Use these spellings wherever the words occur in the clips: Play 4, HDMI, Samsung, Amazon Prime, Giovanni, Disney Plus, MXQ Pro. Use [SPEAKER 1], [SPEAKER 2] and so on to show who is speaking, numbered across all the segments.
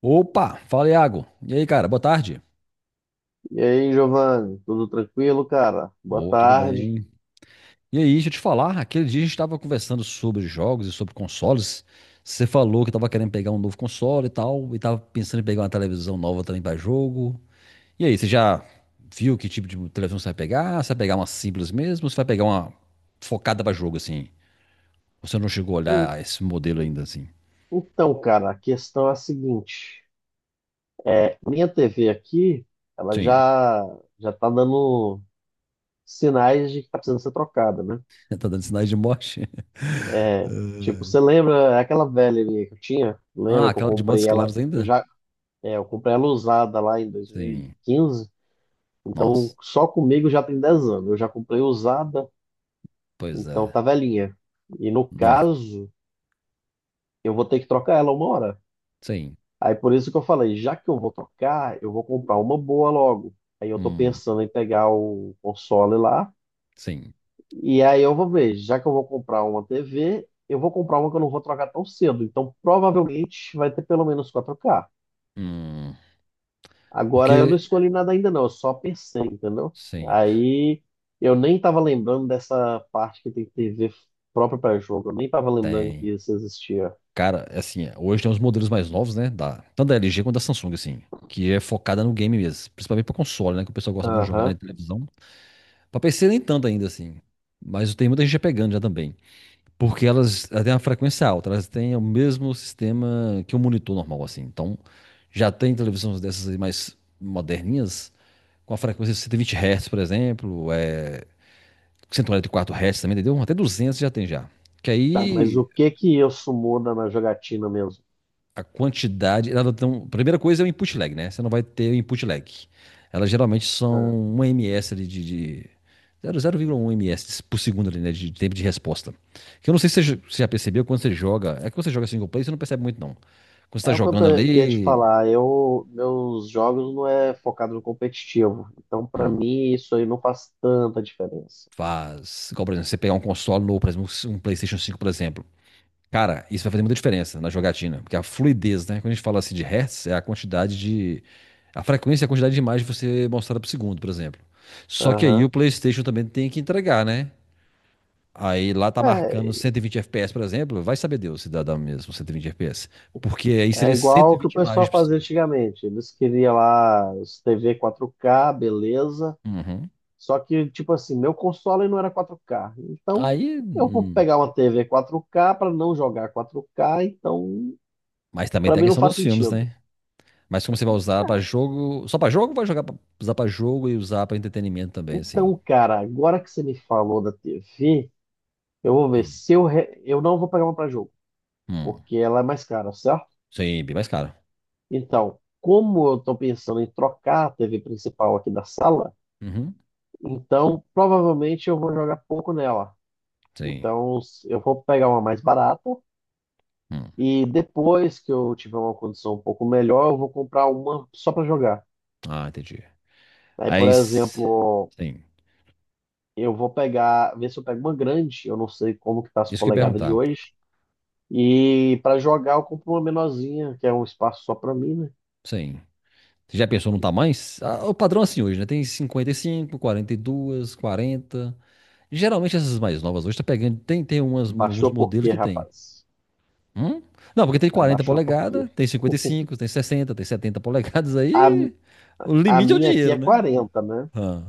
[SPEAKER 1] Opa, fala Iago. E aí, cara, boa tarde.
[SPEAKER 2] E aí, Giovanni, tudo tranquilo, cara? Boa
[SPEAKER 1] Ô, tudo
[SPEAKER 2] tarde.
[SPEAKER 1] bem? E aí, deixa eu te falar, aquele dia a gente estava conversando sobre jogos e sobre consoles. Você falou que estava querendo pegar um novo console e tal, e estava pensando em pegar uma televisão nova também para jogo. E aí, você já viu que tipo de televisão você vai pegar? Você vai pegar uma simples mesmo ou você vai pegar uma focada para jogo assim? Você não chegou a
[SPEAKER 2] Ei,
[SPEAKER 1] olhar esse modelo ainda assim?
[SPEAKER 2] então, cara, a questão é a seguinte: minha TV aqui, ela
[SPEAKER 1] Sim.
[SPEAKER 2] já tá dando sinais de que tá precisando ser trocada, né?
[SPEAKER 1] Tá dando sinais de morte?
[SPEAKER 2] É, tipo, você lembra é aquela velha minha que eu tinha?
[SPEAKER 1] Ah,
[SPEAKER 2] Lembra que eu
[SPEAKER 1] aquela de Montes
[SPEAKER 2] comprei ela?
[SPEAKER 1] Claros
[SPEAKER 2] Eu
[SPEAKER 1] ainda?
[SPEAKER 2] já, é, eu comprei ela usada lá em
[SPEAKER 1] Sim.
[SPEAKER 2] 2015. Então,
[SPEAKER 1] Nossa,
[SPEAKER 2] só comigo já tem 10 anos. Eu já comprei usada,
[SPEAKER 1] pois
[SPEAKER 2] então
[SPEAKER 1] é.
[SPEAKER 2] tá velhinha. E no
[SPEAKER 1] Nó.
[SPEAKER 2] caso, eu vou ter que trocar ela uma hora.
[SPEAKER 1] Sim.
[SPEAKER 2] Aí por isso que eu falei, já que eu vou tocar, eu vou comprar uma boa logo. Aí eu tô
[SPEAKER 1] Hum,
[SPEAKER 2] pensando em pegar o console lá,
[SPEAKER 1] sim.
[SPEAKER 2] e aí eu vou ver, já que eu vou comprar uma TV, eu vou comprar uma que eu não vou trocar tão cedo. Então provavelmente vai ter pelo menos 4K.
[SPEAKER 1] Hum.
[SPEAKER 2] Agora eu não
[SPEAKER 1] Porque,
[SPEAKER 2] escolhi nada ainda não, eu só pensei, entendeu?
[SPEAKER 1] sim,
[SPEAKER 2] Aí eu nem tava lembrando dessa parte que tem TV própria para jogo, eu nem tava lembrando que
[SPEAKER 1] tem.
[SPEAKER 2] isso existia.
[SPEAKER 1] Cara, é assim, é, hoje tem uns modelos mais novos, né? Tanto da LG quanto da Samsung, assim. Que é focada no game mesmo. Principalmente pra console, né? Que o pessoal gosta muito de jogar
[SPEAKER 2] Aham.
[SPEAKER 1] em televisão. Pra PC nem tanto ainda, assim. Mas tem muita gente já pegando já também. Porque elas têm uma frequência alta. Elas têm o mesmo sistema que um monitor normal, assim. Então, já tem televisões dessas aí mais moderninhas. Com a frequência de 120 Hz, por exemplo. É 144 hertz também, entendeu? Até 200 já tem já. Que
[SPEAKER 2] Tá, mas
[SPEAKER 1] aí
[SPEAKER 2] o que que isso muda na jogatina mesmo?
[SPEAKER 1] a quantidade. Ela tem, primeira coisa é o input lag, né? Você não vai ter o input lag. Elas geralmente
[SPEAKER 2] Ah.
[SPEAKER 1] são um ms ali de zero vírgula um ms por segundo ali, né? De tempo de resposta. Que eu não sei se você já percebeu quando você joga. É que quando você joga single player, você não percebe muito, não. Quando você tá
[SPEAKER 2] É o que
[SPEAKER 1] jogando
[SPEAKER 2] que ia te
[SPEAKER 1] ali.
[SPEAKER 2] falar. Eu, meus jogos não é focado no competitivo. Então, pra
[SPEAKER 1] hum,
[SPEAKER 2] mim, isso aí não faz tanta diferença.
[SPEAKER 1] Faz. Igual, por exemplo, você pegar um console novo, por exemplo, um PlayStation 5 por exemplo. Cara, isso vai fazer muita diferença na jogatina, porque a fluidez, né? Quando a gente fala assim de hertz, é a quantidade de. A frequência e a quantidade de imagem que você mostrada por segundo, por exemplo. Só que aí o
[SPEAKER 2] Aham.
[SPEAKER 1] PlayStation também tem que entregar, né? Aí lá tá
[SPEAKER 2] É,
[SPEAKER 1] marcando 120 FPS, por exemplo, vai saber Deus se dá, dá mesmo 120 FPS. Porque aí
[SPEAKER 2] é
[SPEAKER 1] seria
[SPEAKER 2] igual o que o
[SPEAKER 1] 120 imagens
[SPEAKER 2] pessoal
[SPEAKER 1] por
[SPEAKER 2] fazia
[SPEAKER 1] segundo.
[SPEAKER 2] antigamente. Eles queriam lá os TV 4K, beleza.
[SPEAKER 1] Uhum.
[SPEAKER 2] Só que, tipo assim, meu console não era 4K. Então,
[SPEAKER 1] Aí.
[SPEAKER 2] eu vou pegar uma TV 4K para não jogar 4K. Então,
[SPEAKER 1] Mas também
[SPEAKER 2] pra
[SPEAKER 1] tem a
[SPEAKER 2] mim não
[SPEAKER 1] questão
[SPEAKER 2] faz
[SPEAKER 1] dos filmes,
[SPEAKER 2] sentido.
[SPEAKER 1] né? Mas como você vai usar pra jogo. Só pra jogo ou vai jogar pra... usar pra jogo e usar pra entretenimento também, assim?
[SPEAKER 2] Então, cara, agora que você me falou da TV, eu vou ver
[SPEAKER 1] Sim.
[SPEAKER 2] se eu não vou pegar uma para jogo,
[SPEAKER 1] Hum.
[SPEAKER 2] porque ela é mais cara, certo?
[SPEAKER 1] Sim, bem mais caro.
[SPEAKER 2] Então, como eu estou pensando em trocar a TV principal aqui da sala,
[SPEAKER 1] Uhum,
[SPEAKER 2] então provavelmente eu vou jogar pouco nela.
[SPEAKER 1] sim.
[SPEAKER 2] Então, eu vou pegar uma mais barata
[SPEAKER 1] Hum.
[SPEAKER 2] e depois que eu tiver uma condição um pouco melhor, eu vou comprar uma só para jogar.
[SPEAKER 1] Ah, entendi.
[SPEAKER 2] Aí, por
[SPEAKER 1] Aí,
[SPEAKER 2] exemplo,
[SPEAKER 1] sim.
[SPEAKER 2] eu vou pegar, ver se eu pego uma grande, eu não sei como que tá as
[SPEAKER 1] Isso que eu ia
[SPEAKER 2] polegadas de
[SPEAKER 1] perguntar.
[SPEAKER 2] hoje. E para jogar eu compro uma menorzinha, que é um espaço só para mim, né?
[SPEAKER 1] Sim. Você já pensou no tamanho? Ah, o padrão é assim hoje, né? Tem cinquenta e cinco quarenta e 42, quarenta. Geralmente essas mais novas hoje tá pegando. Tem alguns
[SPEAKER 2] Baixou por
[SPEAKER 1] modelos
[SPEAKER 2] quê,
[SPEAKER 1] que tem.
[SPEAKER 2] rapaz?
[SPEAKER 1] Hum? Não, porque tem 40
[SPEAKER 2] Abaixou por quê?
[SPEAKER 1] polegadas, tem 55 tem 60 tem 70 polegadas.
[SPEAKER 2] A
[SPEAKER 1] Aí o
[SPEAKER 2] A
[SPEAKER 1] limite é o
[SPEAKER 2] minha aqui
[SPEAKER 1] dinheiro,
[SPEAKER 2] é
[SPEAKER 1] né?
[SPEAKER 2] 40, né?
[SPEAKER 1] Ah.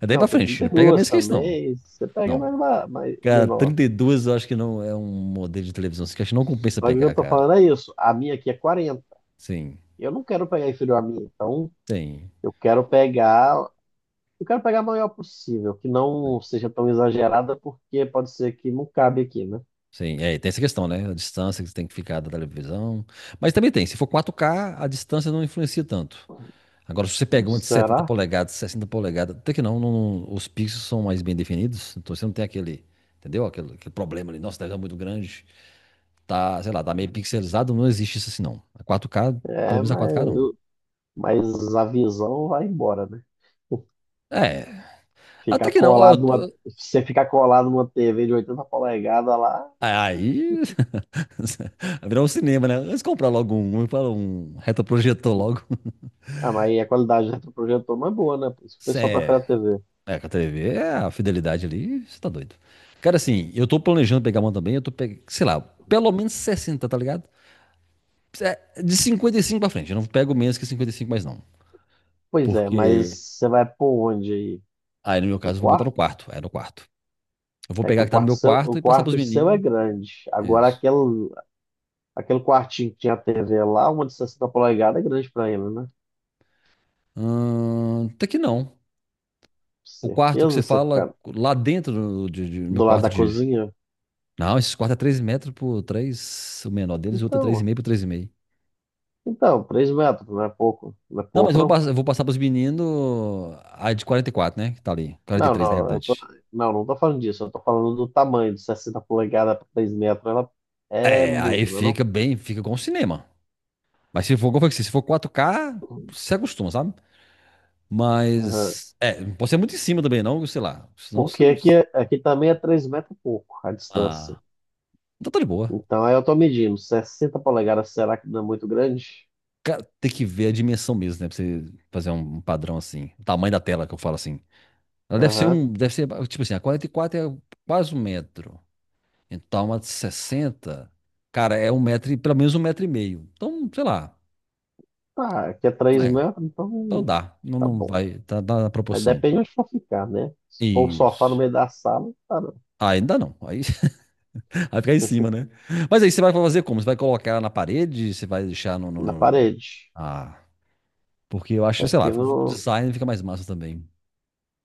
[SPEAKER 1] É daí
[SPEAKER 2] Não,
[SPEAKER 1] pra
[SPEAKER 2] tem
[SPEAKER 1] frente.
[SPEAKER 2] trinta e
[SPEAKER 1] Não pega
[SPEAKER 2] duas
[SPEAKER 1] menos que isso, não.
[SPEAKER 2] também. Você pega
[SPEAKER 1] Não.
[SPEAKER 2] mais, mais
[SPEAKER 1] Cara,
[SPEAKER 2] menor.
[SPEAKER 1] 32 eu acho que não é um modelo de televisão assim, que acho que não compensa
[SPEAKER 2] Só que o que eu
[SPEAKER 1] pegar,
[SPEAKER 2] tô
[SPEAKER 1] cara.
[SPEAKER 2] falando é isso. A minha aqui é 40.
[SPEAKER 1] Sim,
[SPEAKER 2] Eu não quero pegar inferior à minha, então
[SPEAKER 1] tem
[SPEAKER 2] eu quero pegar. Eu quero pegar a maior possível, que não seja tão exagerada, porque pode ser que não cabe aqui, né?
[SPEAKER 1] sim. É, tem essa questão, né? A distância que você tem que ficar da televisão. Mas também tem, se for 4K, a distância não influencia tanto. Agora, se você pega uma de 70
[SPEAKER 2] Será?
[SPEAKER 1] polegadas, 60 polegadas, até que não, os pixels são mais bem definidos, então você não tem aquele, entendeu? Aquele problema ali, nossa, a televisão é muito grande, tá, sei lá, tá meio pixelizado, não existe isso assim, não. A 4K, pelo
[SPEAKER 2] É,
[SPEAKER 1] menos a
[SPEAKER 2] mas,
[SPEAKER 1] 4K não.
[SPEAKER 2] mas a visão vai embora, né?
[SPEAKER 1] É,
[SPEAKER 2] Ficar
[SPEAKER 1] até que não, ó,
[SPEAKER 2] colado numa, você ficar colado numa TV de 80 polegadas lá,
[SPEAKER 1] aí virou um cinema, né? Antes de comprar logo um, eu falo um retroprojetor logo.
[SPEAKER 2] ah, mas aí a qualidade do retroprojetor não é boa, né? Por isso que o pessoal
[SPEAKER 1] Cê,
[SPEAKER 2] prefere a TV.
[SPEAKER 1] É, com a TV, é a fidelidade ali, você tá doido. Cara, assim, eu tô planejando pegar uma também, eu tô pegando, sei lá, pelo menos 60, tá ligado? É, de 55 pra frente, eu não pego menos que 55, mais não.
[SPEAKER 2] Pois é, mas
[SPEAKER 1] Porque,
[SPEAKER 2] você vai por onde aí?
[SPEAKER 1] aí no meu
[SPEAKER 2] No
[SPEAKER 1] caso eu vou botar
[SPEAKER 2] quarto?
[SPEAKER 1] no quarto, é no quarto. Eu vou
[SPEAKER 2] É que
[SPEAKER 1] pegar a que tá no meu
[SPEAKER 2] o
[SPEAKER 1] quarto e passar pros
[SPEAKER 2] quarto seu é
[SPEAKER 1] meninos.
[SPEAKER 2] grande. Agora,
[SPEAKER 1] Isso.
[SPEAKER 2] aquele, aquele quartinho que tinha a TV lá, uma de 60 polegadas é grande pra ele, né?
[SPEAKER 1] Até que não. O quarto
[SPEAKER 2] Certeza
[SPEAKER 1] que você
[SPEAKER 2] você
[SPEAKER 1] fala,
[SPEAKER 2] fica
[SPEAKER 1] lá dentro do meu
[SPEAKER 2] do lado da
[SPEAKER 1] quarto de...
[SPEAKER 2] cozinha?
[SPEAKER 1] Não, esses quartos é 3 metros por 3. O menor deles, o outro é
[SPEAKER 2] Então,
[SPEAKER 1] 3,5 por 3,5.
[SPEAKER 2] então, 3 metros, não é pouco, não é
[SPEAKER 1] Não, mas
[SPEAKER 2] pouco, não.
[SPEAKER 1] eu vou passar pros meninos a de 44, né? Que tá ali. Quarenta e
[SPEAKER 2] Não,
[SPEAKER 1] três na
[SPEAKER 2] não,
[SPEAKER 1] realidade.
[SPEAKER 2] não, não tô falando disso, eu tô falando do tamanho de 60 polegadas para 3 metros, ela é
[SPEAKER 1] É, aí
[SPEAKER 2] muito, não é não?
[SPEAKER 1] fica bem, fica com o cinema. Mas se for, como eu falei, se for 4K, você acostuma, sabe?
[SPEAKER 2] Aham.
[SPEAKER 1] Mas, é, não pode ser muito em cima também, não, sei lá. Senão você.
[SPEAKER 2] Porque aqui, aqui também é 3 metros e pouco a distância.
[SPEAKER 1] Ah, então tá de boa.
[SPEAKER 2] Então, aí eu tô medindo. 60 polegadas, será que não é muito grande?
[SPEAKER 1] Cara, tem que ver a dimensão mesmo, né? Pra você fazer um padrão assim. O tamanho da tela que eu falo assim. Ela deve ser
[SPEAKER 2] Aham.
[SPEAKER 1] um. Deve ser, tipo assim, a 44 é quase um metro. Então, uma de 60, cara, é um metro, pelo menos um metro e meio. Então, sei lá,
[SPEAKER 2] Tá, aqui é 3
[SPEAKER 1] né?
[SPEAKER 2] metros,
[SPEAKER 1] Então
[SPEAKER 2] então
[SPEAKER 1] dá, não,
[SPEAKER 2] tá
[SPEAKER 1] não
[SPEAKER 2] bom.
[SPEAKER 1] vai, tá, dá na
[SPEAKER 2] Aí
[SPEAKER 1] proporção.
[SPEAKER 2] depende onde for ficar, né? Se for o sofá no
[SPEAKER 1] Isso.
[SPEAKER 2] meio da sala, tá não.
[SPEAKER 1] Ah, ainda não, aí vai ficar em cima, né? Mas aí você vai fazer como? Você vai colocar na parede? Você vai deixar no, no,
[SPEAKER 2] Na
[SPEAKER 1] no-
[SPEAKER 2] parede.
[SPEAKER 1] Ah, porque eu acho, sei
[SPEAKER 2] Aqui
[SPEAKER 1] lá, o
[SPEAKER 2] no...
[SPEAKER 1] design fica mais massa também.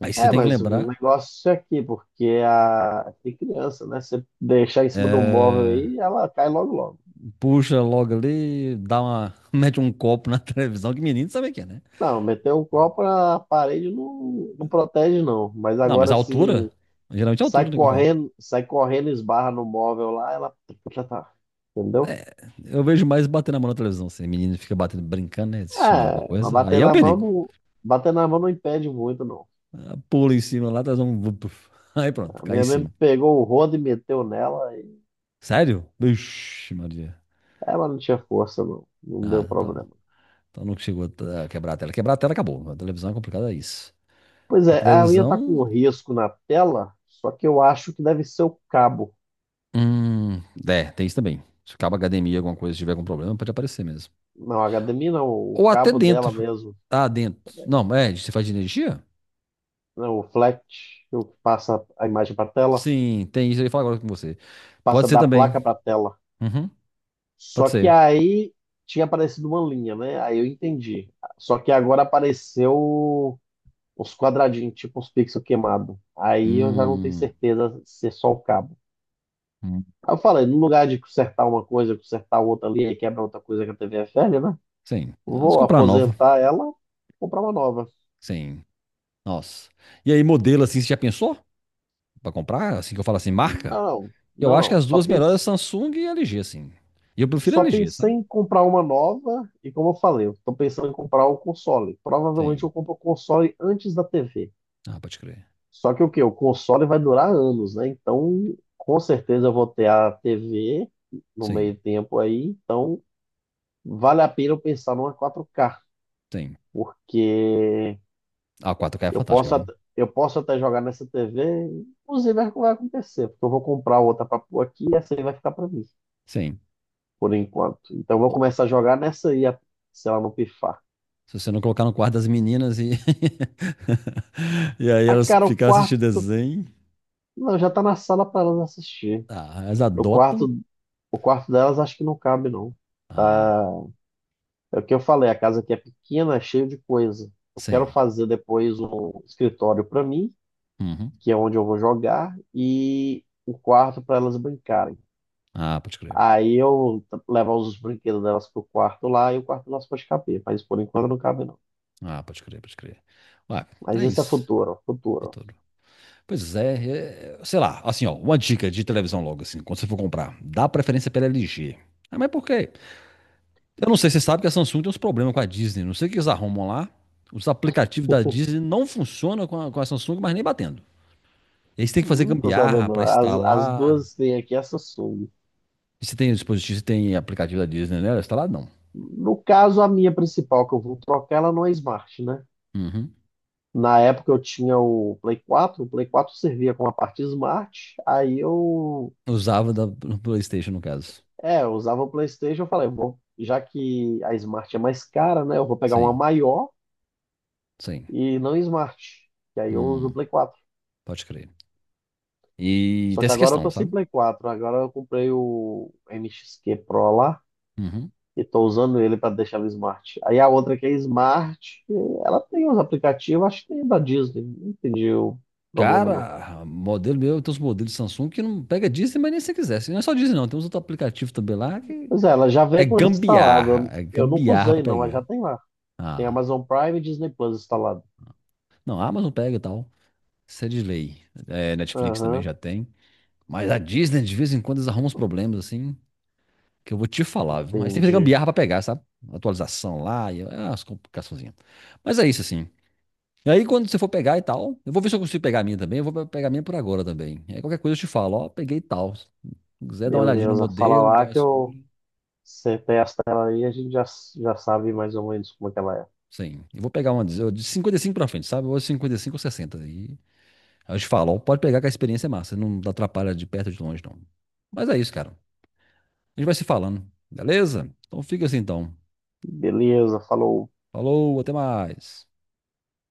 [SPEAKER 1] Aí você
[SPEAKER 2] É,
[SPEAKER 1] tem que
[SPEAKER 2] mas o
[SPEAKER 1] lembrar,
[SPEAKER 2] negócio é aqui, porque a... tem criança, né? Você deixar em cima do móvel
[SPEAKER 1] é,
[SPEAKER 2] aí, ela cai logo logo.
[SPEAKER 1] puxa logo ali, dá uma, mete um copo na televisão, que menino sabe o que é, né?
[SPEAKER 2] Não, meter um copo na parede não, não protege, não. Mas
[SPEAKER 1] Não, mas
[SPEAKER 2] agora,
[SPEAKER 1] a altura,
[SPEAKER 2] assim,
[SPEAKER 1] geralmente é a
[SPEAKER 2] sai
[SPEAKER 1] altura, né, que eu falo.
[SPEAKER 2] correndo, sai correndo, esbarra no móvel lá, ela. Já tá. Entendeu?
[SPEAKER 1] Eu vejo mais batendo a mão na televisão. Assim. Menino fica batendo, brincando, né? Assistindo alguma
[SPEAKER 2] É, mas
[SPEAKER 1] coisa. Aí
[SPEAKER 2] bater
[SPEAKER 1] é o
[SPEAKER 2] na mão
[SPEAKER 1] perigo.
[SPEAKER 2] não. Bater na mão não impede muito, não.
[SPEAKER 1] Pula em cima lá, traz um. Puf. Aí pronto,
[SPEAKER 2] A
[SPEAKER 1] cai em
[SPEAKER 2] minha mesmo
[SPEAKER 1] cima.
[SPEAKER 2] pegou o rodo e meteu nela, e
[SPEAKER 1] Sério? Vixe, Maria.
[SPEAKER 2] ela não tinha força, não. Não
[SPEAKER 1] Ah,
[SPEAKER 2] deu
[SPEAKER 1] então tá bom.
[SPEAKER 2] problema.
[SPEAKER 1] Então não chegou a a quebrar a tela. Quebrar a tela acabou. A televisão é complicada, é isso.
[SPEAKER 2] Pois
[SPEAKER 1] Porque a
[SPEAKER 2] é, a minha tá com um
[SPEAKER 1] televisão.
[SPEAKER 2] risco na tela, só que eu acho que deve ser o cabo.
[SPEAKER 1] Hum, É, tem isso também. Se acaba a academia, alguma coisa, se tiver algum problema, pode aparecer mesmo.
[SPEAKER 2] Não, a HDMI não, o
[SPEAKER 1] Ou até
[SPEAKER 2] cabo dela
[SPEAKER 1] dentro.
[SPEAKER 2] mesmo.
[SPEAKER 1] Ah, dentro. Não, é, você faz de energia?
[SPEAKER 2] Não, o flat, o que passa a imagem para tela,
[SPEAKER 1] Sim, tem isso. Eu ia falar agora com você.
[SPEAKER 2] passa
[SPEAKER 1] Pode ser
[SPEAKER 2] da
[SPEAKER 1] também.
[SPEAKER 2] placa para tela.
[SPEAKER 1] Uhum,
[SPEAKER 2] Só
[SPEAKER 1] pode
[SPEAKER 2] que
[SPEAKER 1] ser.
[SPEAKER 2] aí tinha aparecido uma linha, né? Aí eu entendi. Só que agora apareceu uns quadradinhos, tipo uns pixels queimados. Aí eu já não tenho
[SPEAKER 1] Hum,
[SPEAKER 2] certeza se é só o cabo.
[SPEAKER 1] hum.
[SPEAKER 2] Aí eu falei, no lugar de consertar uma coisa, consertar outra ali, aí quebra outra coisa que a TV é velha, né?
[SPEAKER 1] Sim. Vamos
[SPEAKER 2] Vou
[SPEAKER 1] comprar nova.
[SPEAKER 2] aposentar ela e comprar uma nova.
[SPEAKER 1] Sim. Nossa. E aí, modelo assim, você já pensou? Pra comprar? Assim que eu falo assim, marca?
[SPEAKER 2] Não,
[SPEAKER 1] Eu
[SPEAKER 2] não,
[SPEAKER 1] acho que
[SPEAKER 2] não.
[SPEAKER 1] as
[SPEAKER 2] Só
[SPEAKER 1] duas melhores é
[SPEAKER 2] pensei,
[SPEAKER 1] Samsung e LG, sim. E eu prefiro
[SPEAKER 2] só
[SPEAKER 1] LG,
[SPEAKER 2] pensei
[SPEAKER 1] sabe?
[SPEAKER 2] em comprar uma nova e como eu falei, eu tô pensando em comprar o console. Provavelmente
[SPEAKER 1] Sim.
[SPEAKER 2] eu compro o console antes da TV.
[SPEAKER 1] Ah, pode crer.
[SPEAKER 2] Só que o quê? O console vai durar anos, né? Então, com certeza eu vou ter a TV no
[SPEAKER 1] Sim,
[SPEAKER 2] meio tempo aí. Então, vale a pena eu pensar numa 4K,
[SPEAKER 1] sim.
[SPEAKER 2] porque
[SPEAKER 1] Ah, 4K é
[SPEAKER 2] eu
[SPEAKER 1] fantástica,
[SPEAKER 2] posso,
[SPEAKER 1] viu?
[SPEAKER 2] at- eu posso até jogar nessa TV. Inclusive, é o que vai acontecer, porque eu vou comprar outra para pôr aqui e essa aí vai ficar para mim,
[SPEAKER 1] Sim.
[SPEAKER 2] por enquanto. Então, eu vou
[SPEAKER 1] Ou-
[SPEAKER 2] começar a jogar nessa aí, se ela não pifar.
[SPEAKER 1] Se você não colocar no quarto das meninas e, e aí
[SPEAKER 2] Ah,
[SPEAKER 1] elas
[SPEAKER 2] cara, o
[SPEAKER 1] ficarem
[SPEAKER 2] quarto.
[SPEAKER 1] assistindo desenho.
[SPEAKER 2] Não, já tá na sala para elas assistir.
[SPEAKER 1] Ah, elas
[SPEAKER 2] No
[SPEAKER 1] adotam.
[SPEAKER 2] quarto, o quarto delas acho que não cabe, não.
[SPEAKER 1] Ah,
[SPEAKER 2] É o que eu falei, a casa aqui é pequena, é cheia de coisa. Eu quero
[SPEAKER 1] sim.
[SPEAKER 2] fazer depois um escritório para mim,
[SPEAKER 1] Uhum.
[SPEAKER 2] que é onde eu vou jogar, e um quarto para elas brincarem.
[SPEAKER 1] Ah, pode crer.
[SPEAKER 2] Aí levar os brinquedos delas pro quarto lá e o quarto nosso pode caber, mas por enquanto não cabe não.
[SPEAKER 1] Ah, pode crer, pode crer. Ué,
[SPEAKER 2] Mas
[SPEAKER 1] é
[SPEAKER 2] isso é
[SPEAKER 1] isso.
[SPEAKER 2] futuro, futuro.
[SPEAKER 1] Futuro. Pois é, sei lá, assim, ó, uma dica de televisão logo, assim, quando você for comprar, dá preferência pela LG. Ah, mas por quê? Eu não sei, você sabe que a Samsung tem uns problemas com a Disney, não sei o que eles arrumam lá. Os aplicativos da Disney não funcionam com a Samsung, mas nem batendo. Eles têm que fazer
[SPEAKER 2] Não tô
[SPEAKER 1] gambiarra
[SPEAKER 2] sabendo.
[SPEAKER 1] para
[SPEAKER 2] As
[SPEAKER 1] instalar.
[SPEAKER 2] duas têm aqui essa Samsung.
[SPEAKER 1] E você tem dispositivo, você tem aplicativo da Disney, né? Instalado não.
[SPEAKER 2] No caso, a minha principal que eu vou trocar, ela não é Smart, né?
[SPEAKER 1] Uhum.
[SPEAKER 2] Na época eu tinha o Play 4, o Play 4 servia com a parte Smart, aí eu,
[SPEAKER 1] Usava da no PlayStation, no caso.
[SPEAKER 2] é, eu usava o PlayStation, eu falei, bom, já que a Smart é mais cara, né, eu vou pegar uma
[SPEAKER 1] Sim,
[SPEAKER 2] maior
[SPEAKER 1] sim.
[SPEAKER 2] e não Smart, que aí eu uso o
[SPEAKER 1] Hum,
[SPEAKER 2] Play 4.
[SPEAKER 1] pode crer. E
[SPEAKER 2] Só
[SPEAKER 1] tem
[SPEAKER 2] que
[SPEAKER 1] essa
[SPEAKER 2] agora eu tô
[SPEAKER 1] questão,
[SPEAKER 2] sem
[SPEAKER 1] sabe?
[SPEAKER 2] Play 4, agora eu comprei o MXQ Pro lá
[SPEAKER 1] Uhum.
[SPEAKER 2] e tô usando ele para deixar o Smart. Aí a outra que é Smart, ela tem os aplicativos, acho que tem da Disney, não entendi o problema não.
[SPEAKER 1] Cara, modelo meu, tem os modelos Samsung que não pega Disney, mas nem se quisesse. Não é só Disney, não. Tem uns outros aplicativos também lá que
[SPEAKER 2] Pois é, ela já
[SPEAKER 1] é
[SPEAKER 2] vem com ele
[SPEAKER 1] gambiarra.
[SPEAKER 2] instalado.
[SPEAKER 1] É
[SPEAKER 2] Eu nunca
[SPEAKER 1] gambiarra pra
[SPEAKER 2] usei, não, mas já
[SPEAKER 1] pegar.
[SPEAKER 2] tem lá. Tem
[SPEAKER 1] Ah,
[SPEAKER 2] Amazon Prime e Disney Plus instalado.
[SPEAKER 1] não, a Amazon pega e tal. Isso é de lei. É, Netflix também
[SPEAKER 2] Aham,
[SPEAKER 1] já tem. Mas a Disney, de vez em quando, eles arrumam uns problemas assim, que eu vou te falar, viu? Aí você tem que fazer
[SPEAKER 2] entendi.
[SPEAKER 1] gambiarra pra pegar, sabe? Atualização lá e as complicaçõezinhas. Mas é isso, assim. E aí, quando você for pegar e tal, eu vou ver se eu consigo pegar a minha também. Eu vou pegar a minha por agora também. Aí, qualquer coisa eu te falo, ó, peguei tal. Se quiser dar uma olhadinha no
[SPEAKER 2] Beleza, fala
[SPEAKER 1] modelo, dar
[SPEAKER 2] lá
[SPEAKER 1] uma
[SPEAKER 2] que eu
[SPEAKER 1] escolha.
[SPEAKER 2] você testa ela aí, a gente já sabe mais ou menos como é que ela é.
[SPEAKER 1] Sim, eu vou pegar uma de 55 pra frente, sabe? Ou 55 ou sessenta. E aí eu te falo, ó, pode pegar que a experiência é massa. Não atrapalha de perto ou de longe, não. Mas é isso, cara. A gente vai se falando, beleza? Então fica assim, então.
[SPEAKER 2] Beleza, falou.
[SPEAKER 1] Falou, até mais.